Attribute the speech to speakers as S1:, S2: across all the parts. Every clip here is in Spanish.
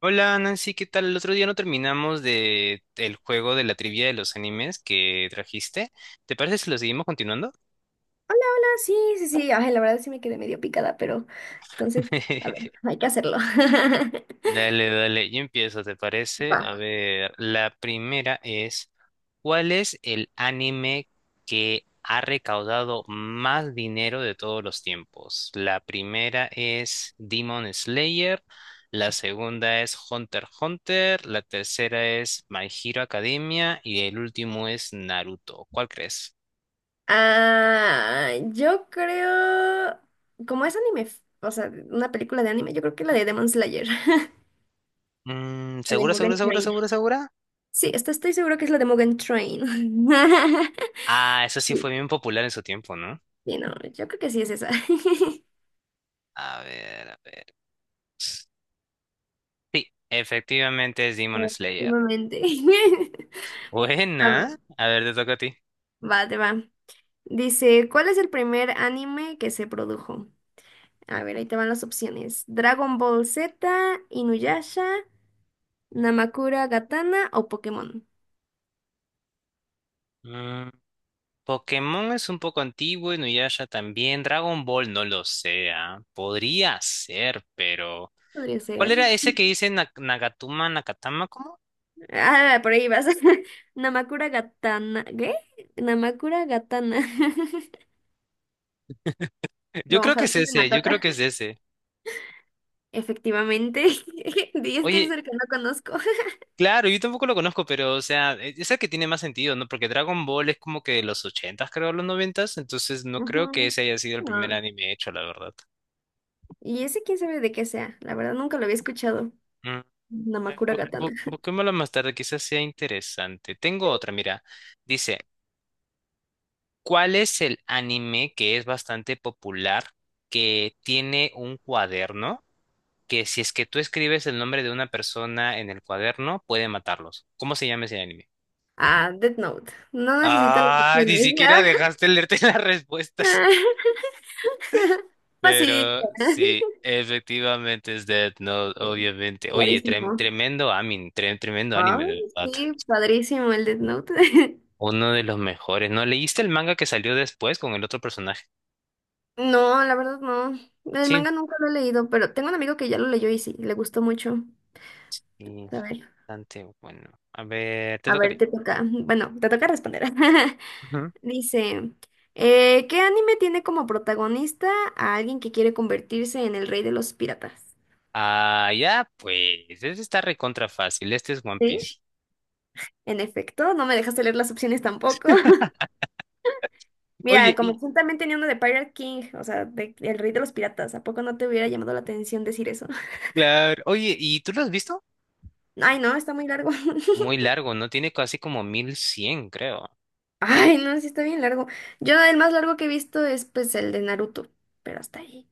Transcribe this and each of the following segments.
S1: Hola Nancy, ¿qué tal? El otro día no terminamos de el juego de la trivia de los animes que trajiste. ¿Te parece si lo seguimos continuando?
S2: Hola, hola, sí, sí, sí. Ay, la verdad sí me quedé medio picada, pero entonces, a ver, hay que hacerlo.
S1: Dale, dale, yo empiezo, ¿te parece?
S2: Va.
S1: A ver, la primera es, ¿cuál es el anime que ha recaudado más dinero de todos los tiempos? La primera es Demon Slayer, la segunda es Hunter x Hunter, la tercera es My Hero Academia y el último es Naruto. ¿Cuál crees?
S2: Ah, yo creo, como es anime, o sea, una película de anime, yo creo que la de Demon Slayer, la
S1: Mm,
S2: de
S1: ¿segura, segura,
S2: Mugen
S1: segura,
S2: Train.
S1: segura, segura?
S2: Sí, esto estoy seguro que es la de Mugen Train.
S1: Ah, eso sí fue
S2: Sí,
S1: bien popular en su tiempo, ¿no?
S2: sí, no, yo creo que sí es esa.
S1: A ver, a ver. Sí, efectivamente es Demon Slayer.
S2: Últimamente. A ver,
S1: Buena. A ver, te toca a ti.
S2: va, te va. Dice, ¿cuál es el primer anime que se produjo? A ver, ahí te van las opciones. Dragon Ball Z, Inuyasha, Namakura Gatana o Pokémon.
S1: Mm, Pokémon es un poco antiguo, y Nuyasha también. Dragon Ball no lo sé. Ah, podría ser, pero.
S2: Podría
S1: ¿Cuál
S2: ser.
S1: era ese que dice Nagatuma, Nakatama? ¿Cómo?
S2: Ah, por ahí vas. Namakura Gatana. ¿Qué? Namakura Gatana.
S1: Yo
S2: Como
S1: creo que es
S2: Hakuna
S1: ese, yo
S2: Matata.
S1: creo que es ese.
S2: Efectivamente. Y es que es
S1: Oye,
S2: el que no conozco.
S1: claro, yo tampoco lo conozco, pero, o sea, es el que tiene más sentido, ¿no? Porque Dragon Ball es como que de los ochentas, creo, los noventas, entonces no creo que
S2: Ujú.
S1: ese haya sido el primer
S2: No.
S1: anime hecho, la verdad.
S2: Y ese quién sabe de qué sea. La verdad nunca lo había escuchado. Namakura Katana.
S1: Busquémoslo más tarde, quizás sea interesante. Tengo otra, mira. Dice, ¿cuál es el anime que es bastante popular, que tiene un cuaderno, que si es que tú escribes el nombre de una persona en el cuaderno, puede matarlos? ¿Cómo se llama ese anime?
S2: Ah, Death Note. No necesita las
S1: Ah, ni
S2: opciones.
S1: siquiera dejaste leerte las respuestas.
S2: Ah, ah. Fácil.
S1: Pero sí, efectivamente es Death Note, obviamente. Oye,
S2: Clarísimo.
S1: tremendo anime,
S2: Ay,
S1: de verdad.
S2: sí, padrísimo el Death Note.
S1: Uno de los mejores. ¿No leíste el manga que salió después con el otro personaje?
S2: No, la verdad no. El
S1: Sí.
S2: manga nunca lo he leído, pero tengo un amigo que ya lo leyó y sí, le gustó mucho.
S1: Y
S2: A ver,
S1: bastante bueno. A ver, te
S2: a
S1: toca a
S2: ver,
S1: ti.
S2: te toca. Bueno, te toca responder.
S1: Ujú.
S2: Dice, ¿qué anime tiene como protagonista a alguien que quiere convertirse en el rey de los piratas?
S1: Ah, ya, pues. Este está recontra fácil. Este es One
S2: Sí,
S1: Piece.
S2: en efecto, no me dejaste leer las opciones tampoco. Mira,
S1: Oye,
S2: como
S1: y,
S2: tú también tenía uno de Pirate King, o sea, el rey de los piratas, ¿a poco no te hubiera llamado la atención decir eso?
S1: claro, Oye, ¿y tú lo has visto?
S2: Ay, no, está muy largo.
S1: Muy largo, ¿no? Tiene casi como 1.100, creo.
S2: Ay, no, sí está bien largo. Yo el más largo que he visto es pues el de Naruto, pero hasta ahí.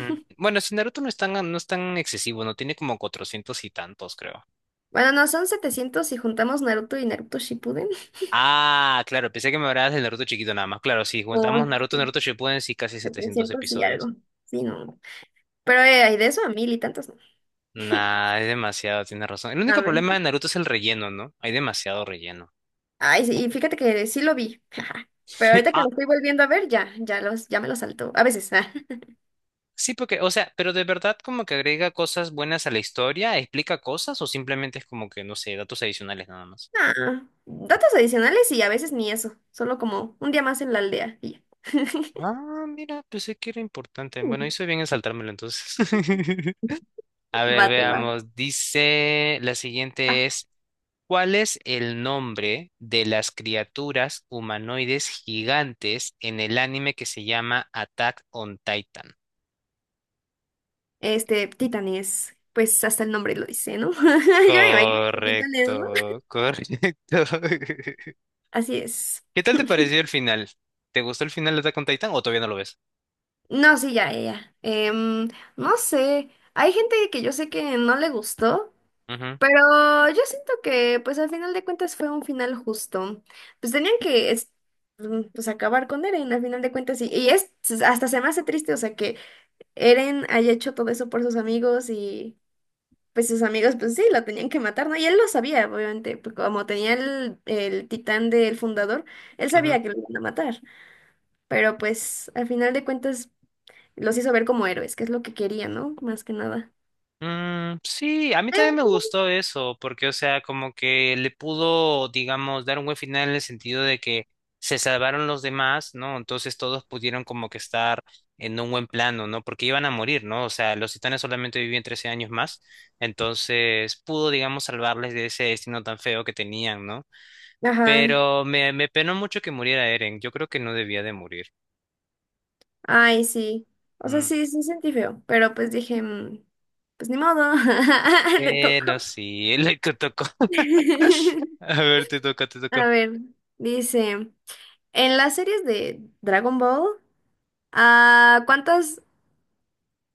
S1: Mm. Bueno, si Naruto no es tan excesivo, ¿no? Tiene como 400 y tantos, creo.
S2: Bueno, no, son 700 si juntamos Naruto y Naruto Shippuden.
S1: Ah, claro, pensé que me hablabas del Naruto chiquito nada más. Claro, si
S2: No,
S1: contamos Naruto,
S2: sí,
S1: Naruto Shippuden, sí, casi 700
S2: 700 y
S1: episodios.
S2: algo. Sí, no. Pero hay de eso a mil y tantos, ¿no?
S1: Nah, es demasiado, tiene razón. El
S2: A
S1: único
S2: ver.
S1: problema de Naruto es el relleno, ¿no? Hay demasiado relleno.
S2: Ay, sí, y fíjate que sí lo vi. Pero ahorita que
S1: Ah,
S2: lo estoy volviendo a ver, ya me lo salto. A veces. Ah.
S1: sí, porque, o sea, pero de verdad como que agrega cosas buenas a la historia, explica cosas o simplemente es como que, no sé, datos adicionales nada más.
S2: Ah, datos adicionales y a veces ni eso. Solo como un día más en la aldea. Y ya.
S1: Ah, mira, pensé que era importante. Bueno, hice bien en saltármelo entonces. A ver,
S2: Bate,
S1: veamos. Dice, la
S2: ah,
S1: siguiente es, ¿cuál es el nombre de las criaturas humanoides gigantes en el anime que se llama Attack on Titan?
S2: este, Titanes, pues hasta el nombre lo dice, ¿no? Yo me imagino que Titanes, ¿no?
S1: Correcto, correcto.
S2: Así es.
S1: ¿Qué tal te pareció el final? ¿Te gustó el final de Attack on Titan o todavía no lo ves?
S2: No, sí, ya, ya. Ya. Em, no sé, hay gente que yo sé que no le gustó,
S1: Ujú,
S2: pero yo siento que pues al final de cuentas fue un final justo. Pues tenían que pues acabar con Eren al final de cuentas y es hasta se me hace triste, o sea, que Eren haya hecho todo eso por sus amigos y pues sus amigos, pues sí, lo tenían que matar, ¿no? Y él lo sabía, obviamente, pues, como tenía el titán del fundador, él
S1: ujú.
S2: sabía que lo iban a matar, pero pues al final de cuentas los hizo ver como héroes, que es lo que quería, ¿no? Más que nada.
S1: Mm, sí, a mí también me
S2: Eh,
S1: gustó eso, porque, o sea, como que le pudo, digamos, dar un buen final en el sentido de que se salvaron los demás, ¿no? Entonces todos pudieron como que estar en un buen plano, ¿no? Porque iban a morir, ¿no? O sea, los titanes solamente vivían 13 años más, entonces pudo, digamos, salvarles de ese destino tan feo que tenían, ¿no?
S2: Ajá,
S1: Pero me penó mucho que muriera Eren. Yo creo que no debía de morir.
S2: ay, sí. O sea,
S1: Mm.
S2: sí, sí sentí feo, pero pues dije, pues ni modo, le tocó.
S1: Bueno, sí, le tocó. A ver, te toca, te
S2: A
S1: toca.
S2: ver, dice, en las series de Dragon Ball, ah, ¿cuántas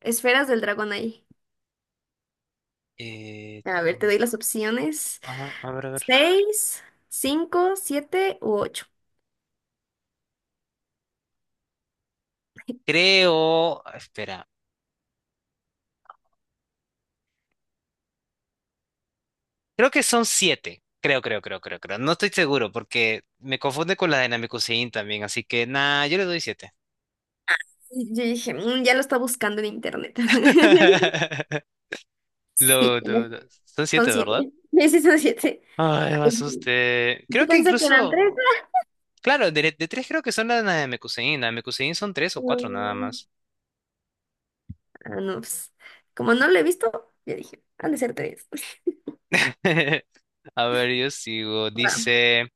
S2: esferas del dragón hay?
S1: Eh,
S2: A ver, te
S1: tú-
S2: doy las opciones.
S1: Ajá, a ver, a ver.
S2: Seis, cinco, siete u ocho.
S1: Creo. Espera. Creo que son siete. Creo, creo, creo, creo, creo. No estoy seguro porque me confunde con la de Namekusein también. Así que, nada yo le doy siete.
S2: Y yo dije, "Mm, ya lo está buscando en internet". Sí,
S1: No, no, no. Son siete,
S2: son
S1: ¿verdad?
S2: siete. Sí, son siete.
S1: Ay, me
S2: Ay,
S1: asusté.
S2: yo
S1: Creo que
S2: pensé que eran tres.
S1: incluso. Claro, de tres creo que son las de Mekusein. Las de Mekusein son tres o cuatro nada
S2: Mm,
S1: más.
S2: ah, no, pues, como no lo he visto, yo dije, han de ser tres.
S1: A ver, yo sigo.
S2: Va.
S1: Dice,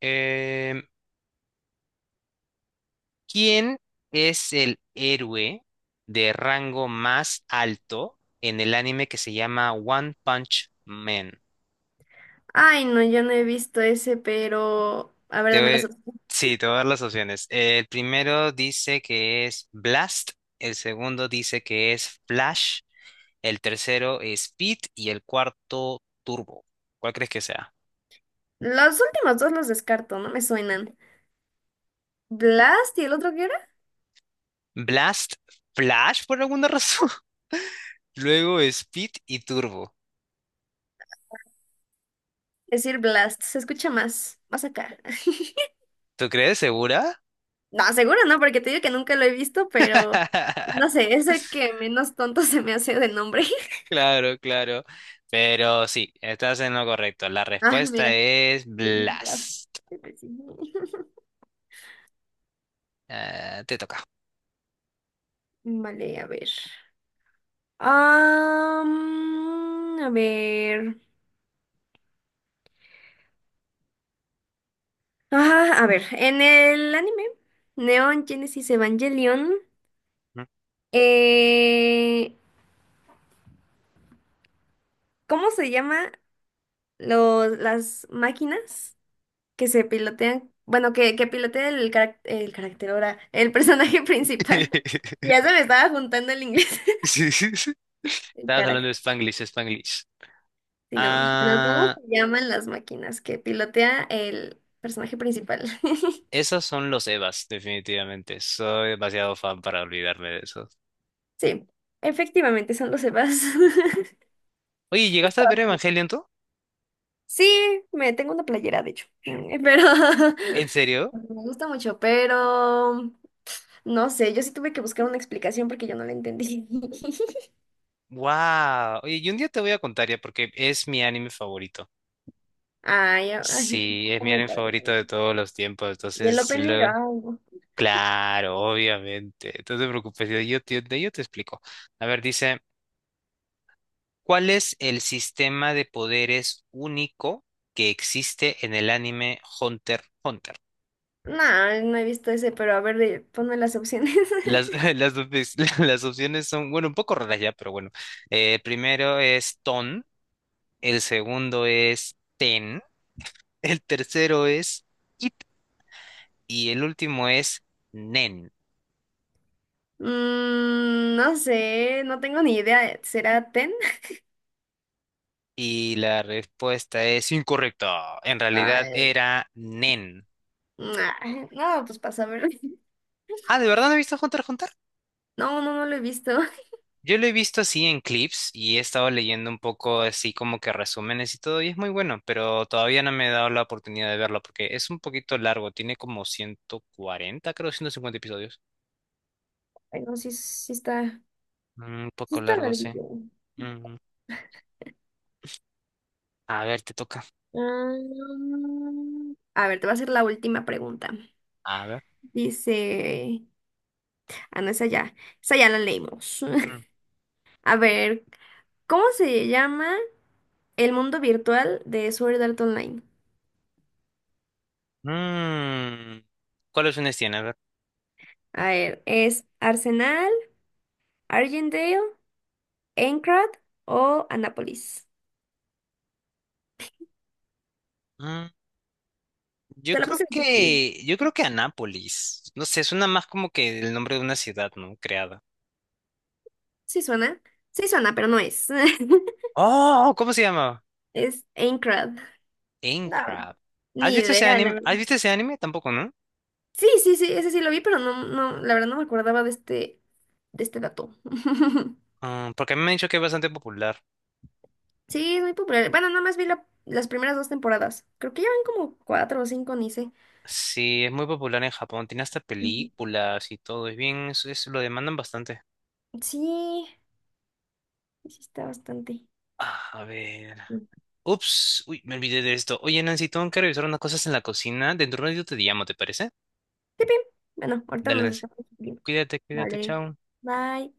S1: em, ¿quién es el héroe de rango más alto en el anime que se llama One Punch Man?
S2: Ay, no, yo no he visto ese, pero... A ver,
S1: Te
S2: dame las
S1: voy-
S2: opciones.
S1: sí, te voy a dar las opciones. El primero dice que es Blast, el segundo dice que es Flash, el tercero es Speed y el cuarto Turbo. ¿Cuál crees que sea?
S2: Los últimos dos los descarto, no me suenan. ¿Blast y el otro qué era?
S1: Blast, Flash por alguna razón. Luego Speed y Turbo.
S2: Decir Blast, se escucha más, más acá.
S1: ¿Tú crees? ¿Segura?
S2: No, seguro no, porque te digo que nunca lo he visto, pero no sé, es el que menos tonto se me hace de nombre.
S1: Claro, claro. Pero sí, estás en lo correcto. La
S2: Ah,
S1: respuesta
S2: mira.
S1: es
S2: Las-
S1: Blast. Ah, te toca.
S2: Vale, a ver. Am, a ver. Ah, a ver, en el anime Neon Genesis Evangelion, eh, ¿cómo se llama las máquinas que se pilotean, bueno, que pilotea el carácter ahora, el personaje principal? Ya se me estaba juntando el inglés.
S1: Sí, sí, sí.
S2: El
S1: Estabas hablando
S2: carácter,
S1: de Spanglish, Spanglish.
S2: sí, no. Pero ¿cómo
S1: Ah,
S2: se llaman las máquinas que pilotea el personaje principal?
S1: esos son los Evas, definitivamente. Soy demasiado fan para olvidarme de esos.
S2: Sí, efectivamente son los Evas.
S1: Oye, ¿llegaste a ver Evangelion tú?
S2: Sí, me tengo una playera, de hecho. Pero
S1: ¿En serio?
S2: porque me gusta mucho, pero no sé, yo sí tuve que buscar una explicación porque yo no la entendí.
S1: Wow. Oye, y un día te voy a contar ya porque es mi anime favorito.
S2: Ay, ay,
S1: Sí,
S2: está
S1: es mi
S2: muy
S1: anime
S2: padre.
S1: favorito de todos los tiempos.
S2: Y el
S1: Entonces,
S2: opening, ah, no,
S1: claro, obviamente. No te preocupes, yo te explico. A ver, dice, ¿cuál es el sistema de poderes único que existe en el anime Hunter x Hunter?
S2: nah, no he visto ese, pero a ver, ponme las opciones.
S1: Las, las, op- las opciones son, bueno, un poco raras ya, pero bueno. Primero es Ton, el segundo es Ten, el tercero es Iten y el último es nen.
S2: Mm, no sé, no tengo ni idea. ¿Será Ten?
S1: Y la respuesta es incorrecta. En realidad
S2: Ay,
S1: era nen.
S2: nah, no, pues pasa a ver.
S1: Ah, ¿de verdad no he visto Hunter x Hunter?
S2: No, no, no lo he visto.
S1: Yo lo he visto así en clips y he estado leyendo un poco así como que resúmenes y todo y es muy bueno, pero todavía no me he dado la oportunidad de verlo porque es un poquito largo, tiene como 140 creo, 150 episodios.
S2: Ay, no, sí,
S1: Mm, un
S2: sí
S1: poco
S2: está
S1: largo, sí.
S2: larguillo.
S1: Mm. A ver, te toca.
S2: Ah, mm, a ver, te voy a hacer la última pregunta.
S1: A ver.
S2: Dice, ah, no, esa ya la leímos.
S1: Mm.
S2: A ver, ¿cómo se llama el mundo virtual de Sword Art Online?
S1: Mm. ¿Cuáles opciones tiene? A
S2: A ver, ¿es Arsenal, Argendale, Eintracht o Anápolis?
S1: ver. Yo
S2: Te la
S1: creo
S2: puse difícil.
S1: que, yo creo que Anápolis. No sé, suena más como que el nombre de una ciudad, ¿no? Creada.
S2: Sí suena. Sí suena, pero no es.
S1: Oh, ¿cómo se llama?
S2: Es Eintracht. No,
S1: Aincrad. ¿Has
S2: ni
S1: visto ese
S2: idea, la
S1: anime?
S2: verdad.
S1: ¿Has visto ese anime? Tampoco, ¿no?
S2: Sí, sí, sí, ese sí lo vi, pero no, no, la verdad no me acordaba de este dato.
S1: Ah, porque a mí me han dicho que es bastante popular.
S2: Sí, es muy popular. Bueno, nada más vi las primeras dos temporadas. Creo que ya van como cuatro o cinco, ni sé.
S1: Sí, es muy popular en Japón. Tiene hasta
S2: Ujú.
S1: películas y todo. Es bien, es- lo demandan bastante.
S2: Sí, sí está bastante.
S1: Ah, a ver.
S2: Mm.
S1: Ups, uy, me olvidé de esto. Oye, Nancy, tengo que revisar unas cosas en la cocina. Dentro de un ratito te llamo, ¿te parece?
S2: Sí, bien. Bueno, ahorita
S1: Dale,
S2: nos
S1: Nancy.
S2: estamos viendo.
S1: Cuídate, cuídate,
S2: Vale,
S1: chao.
S2: bye.